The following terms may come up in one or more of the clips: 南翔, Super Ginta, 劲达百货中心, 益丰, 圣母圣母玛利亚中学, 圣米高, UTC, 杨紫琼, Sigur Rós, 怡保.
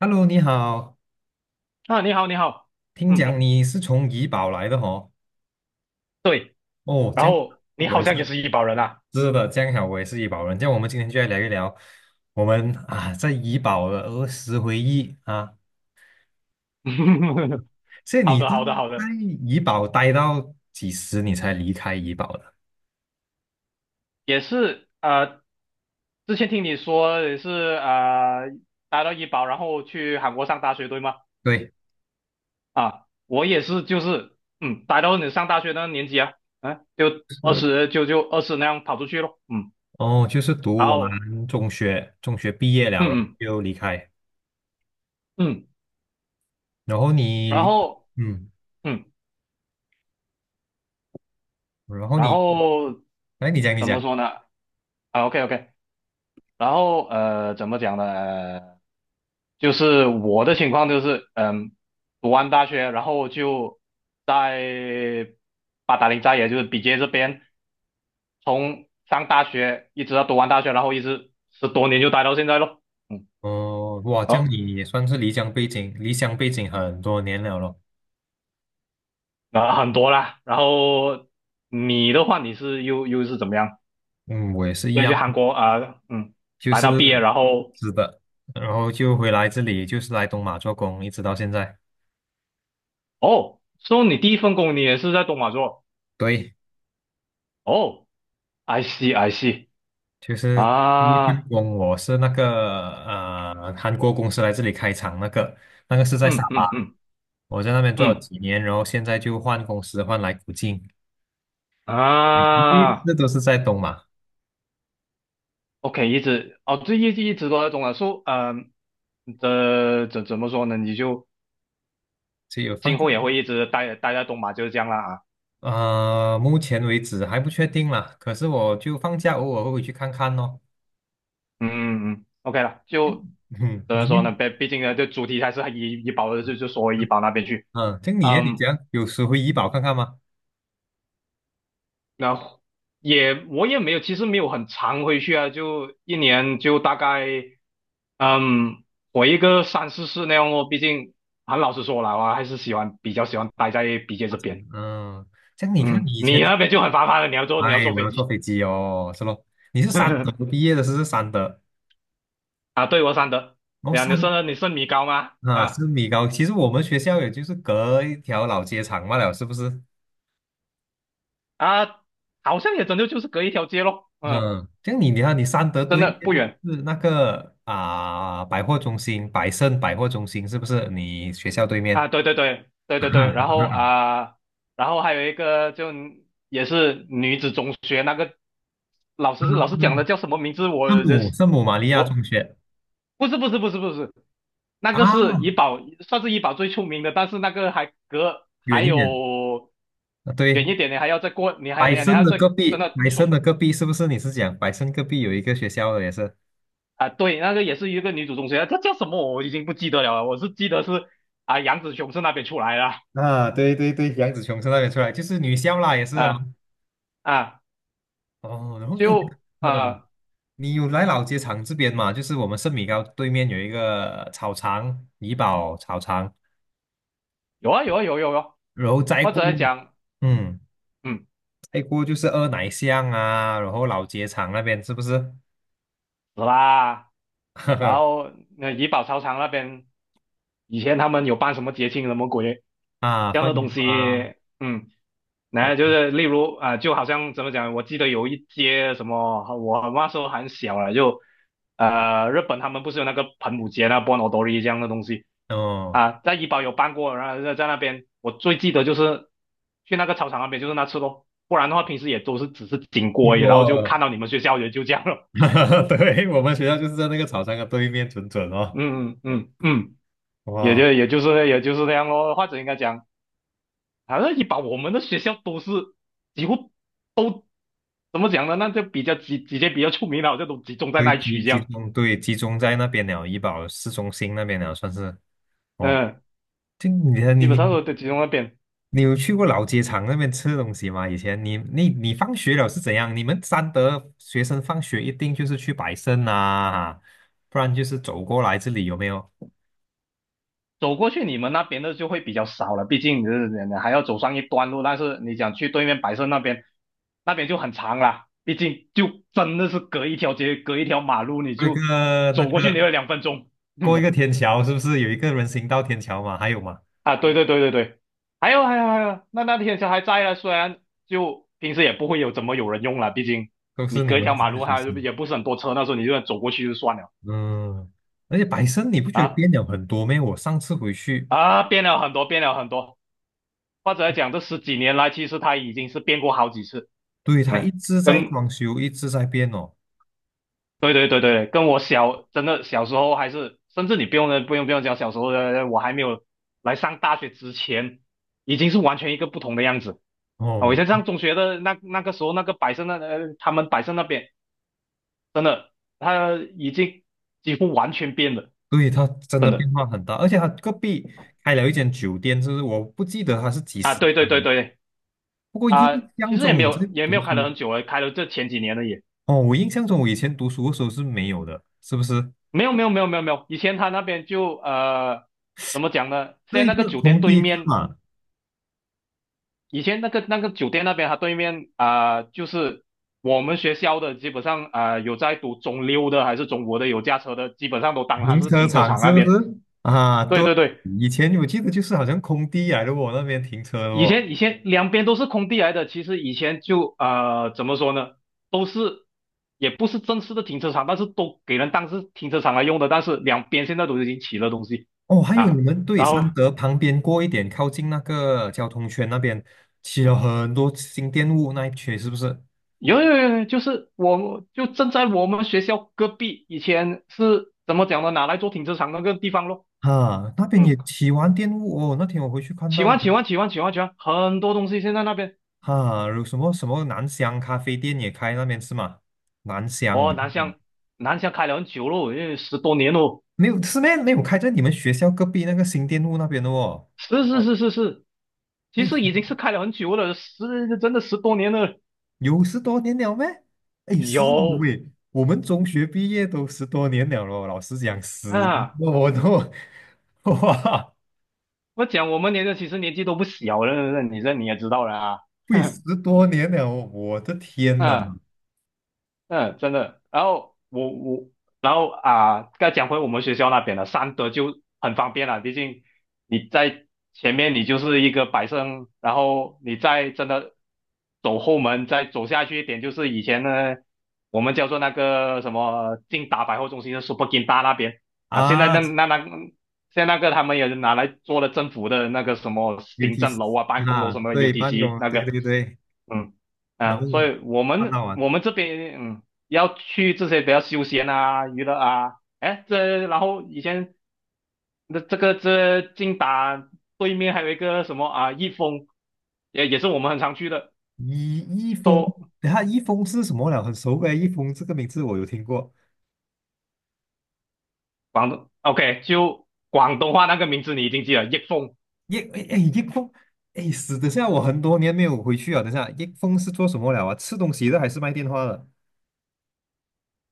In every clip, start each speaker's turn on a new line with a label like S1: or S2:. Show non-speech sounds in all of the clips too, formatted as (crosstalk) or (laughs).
S1: Hello，你好，
S2: 啊，你好，你好，
S1: 听
S2: 嗯，
S1: 讲你是从怡保来的哦。
S2: 对，
S1: 哦，
S2: 然
S1: 这样
S2: 后你
S1: 我
S2: 好
S1: 也是。
S2: 像也是医保人啊。
S1: 是的，这样好，我也是怡保人。这样我们今天就来聊一聊我们啊在怡保的儿时回忆啊。
S2: (laughs)
S1: 所以
S2: 好
S1: 你是
S2: 的，好的，好
S1: 在
S2: 的。
S1: 怡保待到几时你才离开怡保的？
S2: 也是，之前听你说也是，呃，待到医保，然后去韩国上大学，对吗？
S1: 对，
S2: 啊，我也是，就是，待到你上大学那个年纪啊。就二
S1: 是
S2: 十，就就二十那样跑出去咯。嗯，
S1: 哦，就是读
S2: 然后，
S1: 完中学，中学毕业
S2: 嗯
S1: 了，然后
S2: 嗯
S1: 就离开。
S2: 嗯，
S1: 然后
S2: 然
S1: 你，
S2: 后，
S1: 嗯，
S2: 嗯，
S1: 然后
S2: 然
S1: 你，
S2: 后
S1: 来，你讲，你
S2: 怎
S1: 讲。
S2: 么说呢？啊，OK OK。然后怎么讲呢？就是我的情况就是，读完大学，然后就在八达岭寨，也就是比杰这边，从上大学一直到读完大学，然后一直十多年就待到现在咯。嗯，
S1: 哦，哇，这样
S2: 哦，
S1: 你也算是离乡背景，离乡背景很多年了咯。
S2: 那很多啦。然后你的话，你是又是怎么样？
S1: 嗯，我也是一
S2: 先去
S1: 样，
S2: 韩国啊，
S1: 就
S2: 待
S1: 是
S2: 到毕业，然后
S1: 是的，然后就回来这里，就是来东马做工，一直到现在。
S2: 哦，说你第一份工你也是在东莞做？
S1: 对，
S2: 哦，I see I see
S1: 就是第一份
S2: 啊。
S1: 工，我是那个韩国公司来这里开厂，那个那个是在沙
S2: 嗯
S1: 巴，
S2: 嗯嗯
S1: 我在那边做了
S2: 嗯
S1: 几年，然后现在就换公司换来古晋，第一
S2: 啊。
S1: 次都是在东马，
S2: OK,一直哦，这一直一直都在东马。说这怎么说呢？你就
S1: 所以有放
S2: 今
S1: 假。
S2: 后也会一直待在东马，就是这样啦啊。
S1: 目前为止还不确定啦，可是我就放假偶尔会回去看看咯。
S2: 嗯嗯 o k 了，就
S1: (laughs) 嗯，
S2: 怎
S1: 你，
S2: 么说呢？毕竟呢，这主题还是以医保的，就说回医保那边去。
S1: 嗯，像你耶，你这
S2: 嗯，
S1: 样有时回怡保看看吗？
S2: 然后我也没有，其实没有很常回去啊，就一年就大概嗯回个三四次那样哦。毕竟很老实说了，我还是比较喜欢待在 BJ
S1: 华
S2: 这
S1: 城，
S2: 边。
S1: 嗯，像你看你
S2: 嗯，
S1: 以前，
S2: 你那边就很麻烦了，你要坐你要
S1: 哎，
S2: 坐
S1: 我
S2: 飞
S1: 要坐
S2: 机。
S1: 飞机哦，是咯，你是三德毕
S2: (laughs)
S1: 业的，是不是三德？
S2: 啊？对，我三德。
S1: 哦，
S2: 哎呀，你
S1: 三
S2: 是你是米高吗？
S1: 啊
S2: 啊。
S1: 是米高，其实我们学校也就是隔一条老街长罢了，是不是？
S2: 啊，好像也真的就是隔一条街咯。嗯，
S1: 嗯，像你，你看你三德
S2: 真
S1: 对
S2: 的
S1: 面
S2: 不远
S1: 就是那个啊、百货中心，百盛百货中心是不是？你学校对面，
S2: 啊。对对对对对对。然
S1: (laughs)
S2: 后啊，然后还有一个就也是女子中学那个老师讲的叫什么名字？
S1: 圣
S2: 我的
S1: 母圣母玛利亚
S2: 我
S1: 中学
S2: 不是不是不是不是，那
S1: 啊，
S2: 个是怡保，算是怡保最出名的，但是那个还隔还
S1: 远一点
S2: 有
S1: 啊，
S2: 远一
S1: 对，
S2: 点，你还要再过，你还
S1: 百
S2: 你还你还
S1: 盛
S2: 要
S1: 的
S2: 再
S1: 隔
S2: 真
S1: 壁，
S2: 的
S1: 百盛
S2: 出。
S1: 的隔壁是不是？你是讲百盛隔壁有一个学校的也是？
S2: 啊，对，那个也是一个女主中学，她叫什么我已经不记得了啊，我是记得是啊杨紫琼是那边出来的
S1: 啊，对对对，杨紫琼从那边出来，就是女校啦，也是啊。
S2: 啊。啊，
S1: 哦，然后诶，
S2: 就
S1: 嗯嗯，你有来老街场这边嘛？就是我们圣米高对面有一个草场，怡保草场，
S2: 有啊有啊有有有啊，
S1: 然后再
S2: 或
S1: 过，
S2: 者讲
S1: 嗯，
S2: 嗯
S1: 再过就是二奶巷啊，然后老街场那边是不是？
S2: 是啦。然
S1: (laughs)
S2: 后那怡保操场那边以前他们有办什么节庆什么鬼
S1: 啊，
S2: 这样
S1: 放
S2: 的东
S1: 烟花，
S2: 西。嗯。
S1: 对，
S2: 那就是例如啊、就好像怎么讲？我记得有一街什么，我那时候很小了，就日本他们不是有那个盆舞节、那波 o 多 i 这样的东西
S1: 哦，
S2: 啊，在怡保有办过，然后在那边，我最记得就是去那个操场那边，就是那次咯，不然的话平时也都是只是经过
S1: 经
S2: 而已然后
S1: 过
S2: 就看
S1: 了，
S2: 到你们学校也就这样了。
S1: (laughs) 对，我们学校就是在那个草场的对面，准准
S2: (laughs)
S1: 哦，
S2: 嗯嗯嗯嗯，也
S1: 哇。
S2: 就也就是也就是那样咯，或者应该讲，反正怡保我们的学校都是几乎怎么讲呢？那就比较几间比较出名的，就都集中在
S1: 对，
S2: 那一
S1: 集
S2: 区这
S1: 集
S2: 样。
S1: 中对集中在那边了，怡保市中心那边了，算是哦。
S2: 嗯，
S1: 就你你
S2: 基本上
S1: 你
S2: 都集中那边。
S1: 你有去过老街场那边吃东西吗？以前你你你放学了是怎样？你们三德学生放学一定就是去百盛啊，不然就是走过来这里有没有？
S2: 走过去你们那边的就会比较少了，毕竟你还要走上一段路。但是你想去对面白色那边，那边就很长了，毕竟就真的是隔一条街，隔一条马路，你
S1: 过一
S2: 就
S1: 个那
S2: 走
S1: 个
S2: 过去你要2分钟。(laughs)
S1: 过一
S2: 嗯
S1: 个天桥，是不是有一个人行道天桥嘛？还有吗？
S2: 啊，对对对对对，还有还有还有，那天车还在啊，虽然就平时也不会有怎么有人用了，毕竟
S1: 都
S2: 你
S1: 是你
S2: 隔一
S1: 们
S2: 条
S1: 这
S2: 马
S1: 些
S2: 路，
S1: 学
S2: 它
S1: 生，
S2: 也不是很多车，那时候你就走过去就算了。
S1: 嗯。而且百盛你不觉得
S2: 啊，
S1: 变了很多咩？我上次回去。
S2: 啊，变了很多，变了很多。或者来讲，这十几年来，其实它已经是变过好几次。
S1: 对，它一
S2: 嗯，
S1: 直在
S2: 跟
S1: 装修，一直在变哦。
S2: 对对对对，跟真的小时候还是，甚至你不用讲小时候的，我还没有来上大学之前，已经是完全一个不同的样子。啊，我以前
S1: 哦，
S2: 上中学的那个时候，那个百盛那，他们百盛那边真的，他已经几乎完全变了，
S1: 对，它真
S2: 真
S1: 的变
S2: 的。
S1: 化很大，而且它隔壁开了一间酒店，就是我不记得它是几
S2: 啊！
S1: 时
S2: 对对
S1: 开的，
S2: 对对。
S1: 不过印
S2: 啊，其
S1: 象
S2: 实也
S1: 中
S2: 没
S1: 我在
S2: 有也没
S1: 读
S2: 有开了
S1: 书，
S2: 很久了，开了这前几年了也。
S1: 哦，我印象中我以前读书的时候是没有的，是不是？
S2: 没有没有没有没有没有，以前他那边就怎么讲呢？现
S1: 这
S2: 在
S1: 一
S2: 那个
S1: 个
S2: 酒店
S1: 空
S2: 对
S1: 地是
S2: 面，
S1: 嘛，
S2: 以前那个酒店那边，他对面啊、就是我们学校的基本上啊、有在读中六的还是中国的有驾车的，基本上都当它
S1: 停
S2: 是
S1: 车
S2: 停车
S1: 场
S2: 场
S1: 是
S2: 那
S1: 不
S2: 边。
S1: 是？啊，
S2: 对
S1: 都
S2: 对对，
S1: 以前我记得就是好像空地来的哦，我那边停车
S2: 以
S1: 哦。
S2: 前以前两边都是空地来的，其实以前就怎么说呢，都是也不是正式的停车场，但是都给人当是停车场来用的，但是两边现在都已经起了东西
S1: 哦，还有
S2: 啊。
S1: 你们对
S2: 然
S1: 三
S2: 后
S1: 德旁边过一点，靠近那个交通圈那边，起了很多新店雾那一区，是不是？
S2: 有有有，有就是我就正在我们学校隔壁，以前是怎么讲的？拿来做停车场那个地方咯。
S1: 啊，那边也
S2: 嗯，
S1: 起完店雾哦。那天我回去看
S2: 喜
S1: 到，
S2: 欢喜欢喜欢喜欢喜欢，很多东西现在那边
S1: 啊，有什么什么南香咖啡店也开那边是吗？南香
S2: 哦，南
S1: 嗯
S2: 翔南翔开了很久咯，因为十多年咯。
S1: 没有是咩？没有开在你们学校隔壁那个新店路那边的哦。
S2: 是是哦是是是，其
S1: 喂，
S2: 实已经是开了很久了，真的十多年了。
S1: 有十多年了咩？哎，是
S2: 有
S1: 喂，我们中学毕业都十多年了咯。老师讲十
S2: 啊，
S1: 多都，(laughs) 哇！
S2: 我讲我们年纪其实年纪都不小了，你也知道了啊。
S1: 喂十
S2: (laughs)
S1: 多年了，我的天呐！
S2: 嗯、嗯，真的。然后我我，然后啊，再讲回我们学校那边了，三德就很方便了，毕竟你在前面你就是一个百盛，然后你再真的走后门，再走下去一点，就是以前呢我们叫做那个什么劲达百货中心的 Super Ginta 那边。啊，
S1: 啊
S2: 现在那个他们也是拿来做了政府的那个什么行
S1: ，UTC
S2: 政楼啊、办公楼
S1: 啊，
S2: 什么的
S1: 对，办
S2: UTC
S1: 公，
S2: 那
S1: 对
S2: 个。
S1: 对对，
S2: 嗯。
S1: 然
S2: 啊，所
S1: 后
S2: 以我
S1: 看
S2: 们
S1: 到啊，
S2: 我们这边，要去这些比较休闲啊、娱乐啊，哎，然后以前的这近达对面还有一个什么啊，益丰，也是我们很常去的。
S1: 一一封，
S2: 说
S1: 等下一封是什么了？很熟诶，一封这个名字我有听过。
S2: 广东，OK,就广东话那个名字你已经记了，益丰
S1: 一哎哎，一封，哎，死等下我很多年没有回去啊。等下一封是做什么了啊？吃东西的还是卖电话的？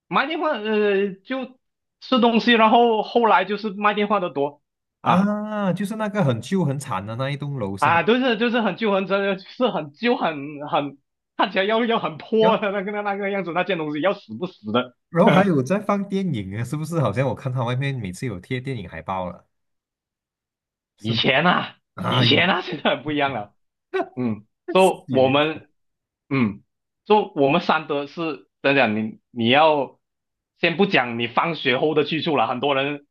S2: 卖电话，就吃东西，然后后来就是卖电话的多。啊
S1: 啊，就是那个很旧很惨的那一栋楼是吗？
S2: 啊，就是很旧很真的是很旧很看起来要很
S1: 然
S2: 破
S1: 后
S2: 的那个样子，那件东西要死不死的。
S1: 然后还
S2: (laughs)
S1: 有在放电影啊，是不是？好像我看他外面每次有贴电影海报了，是
S2: 以
S1: 吗？
S2: 前啊，
S1: 啊，
S2: 以前啊，(laughs) 现在很不一样了。
S1: (laughs) 十
S2: 说、
S1: 几
S2: 我
S1: 年
S2: 们，嗯，说、我们三德是怎讲？你要先不讲你放学后的去处了，很多人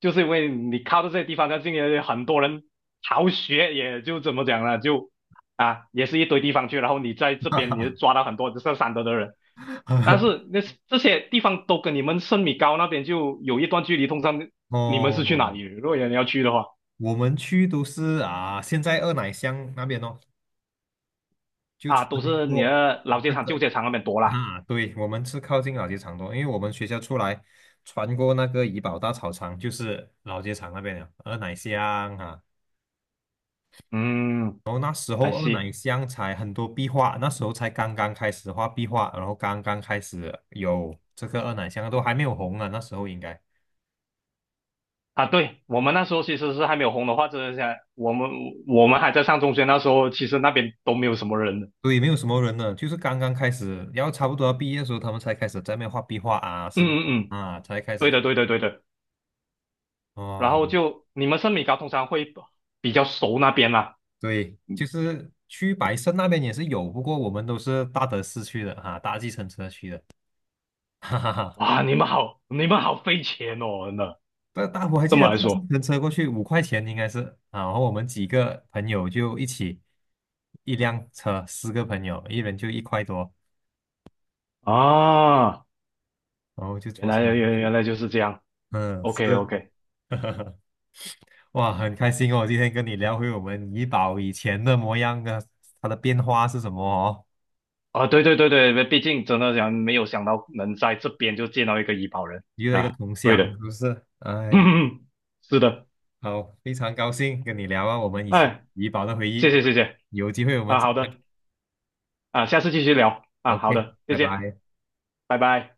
S2: 就是因为你靠着这些地方，那进来很多人逃学，也就怎么讲呢？也是一堆地方去，然后你在这边你就抓到很多就是三德的人。但
S1: (laughs)
S2: 是这些地方都跟你们圣米高那边就有一段距离，通常你们是去哪
S1: 哦，
S2: 里？如果人要去的话。
S1: 我们去都是啊，现在二奶乡那边哦，就
S2: 啊，
S1: 穿
S2: 都是你
S1: 过
S2: 的老街
S1: 那
S2: 场、旧
S1: 个
S2: 街场那边多啦。
S1: 啊，对，我们是靠近老街场多，因为我们学校出来穿过那个怡保大草场，就是老街场那边了，二奶乡啊。
S2: 嗯
S1: 然后那时候
S2: 还
S1: 二奶
S2: 是
S1: 乡才很多壁画，那时候才刚刚开始画壁画，然后刚刚开始有这个二奶乡都还没有红啊，那时候应该。
S2: 啊，对，我们那时候其实是还没有红的话，真的想我们还在上中学那时候，其实那边都没有什么人的。
S1: 对，没有什么人呢，就是刚刚开始，然后差不多要毕业的时候，他们才开始在那边画壁画啊，
S2: 嗯
S1: 是不是
S2: 嗯嗯，
S1: 啊？才开
S2: 对
S1: 始
S2: 的对的对的。然
S1: 哦，
S2: 后就你们圣米高通常会比较熟那边啦。
S1: 对，就是去白胜那边也是有，不过我们都是搭德市区的哈、搭计程车去的，(laughs) 哈哈哈。
S2: 哇，你们好费钱哦，真的。
S1: 搭搭我还
S2: 这
S1: 记
S2: 么
S1: 得
S2: 来
S1: 搭计
S2: 说
S1: 程车过去五块钱应该是啊，然后我们几个朋友就一起一辆车，四个朋友，一人就一块多，
S2: 啊，
S1: 然后就
S2: 原
S1: 坐车
S2: 来
S1: 上
S2: 原原
S1: 去，
S2: 来就是这样。
S1: 嗯，是。
S2: OK OK。
S1: (laughs) 哇，很开心哦，今天跟你聊回我们怡宝以前的模样啊，它的变化是什么哦？
S2: 啊，对对对对，毕竟真的想没有想到能在这边就见到一个医保人
S1: 遇到一个
S2: 啊，
S1: 同
S2: 对
S1: 乡，是
S2: 的，
S1: 不是？哎，
S2: (laughs) 是的，
S1: 好，非常高兴跟你聊啊，我们以前
S2: 哎，
S1: 怡宝的回
S2: 谢
S1: 忆，
S2: 谢谢谢
S1: 有机会我们
S2: 啊，
S1: 再
S2: 好的啊，下次继续聊
S1: 聊。
S2: 啊，好
S1: OK,
S2: 的，谢
S1: 拜
S2: 谢，
S1: 拜。
S2: 拜拜。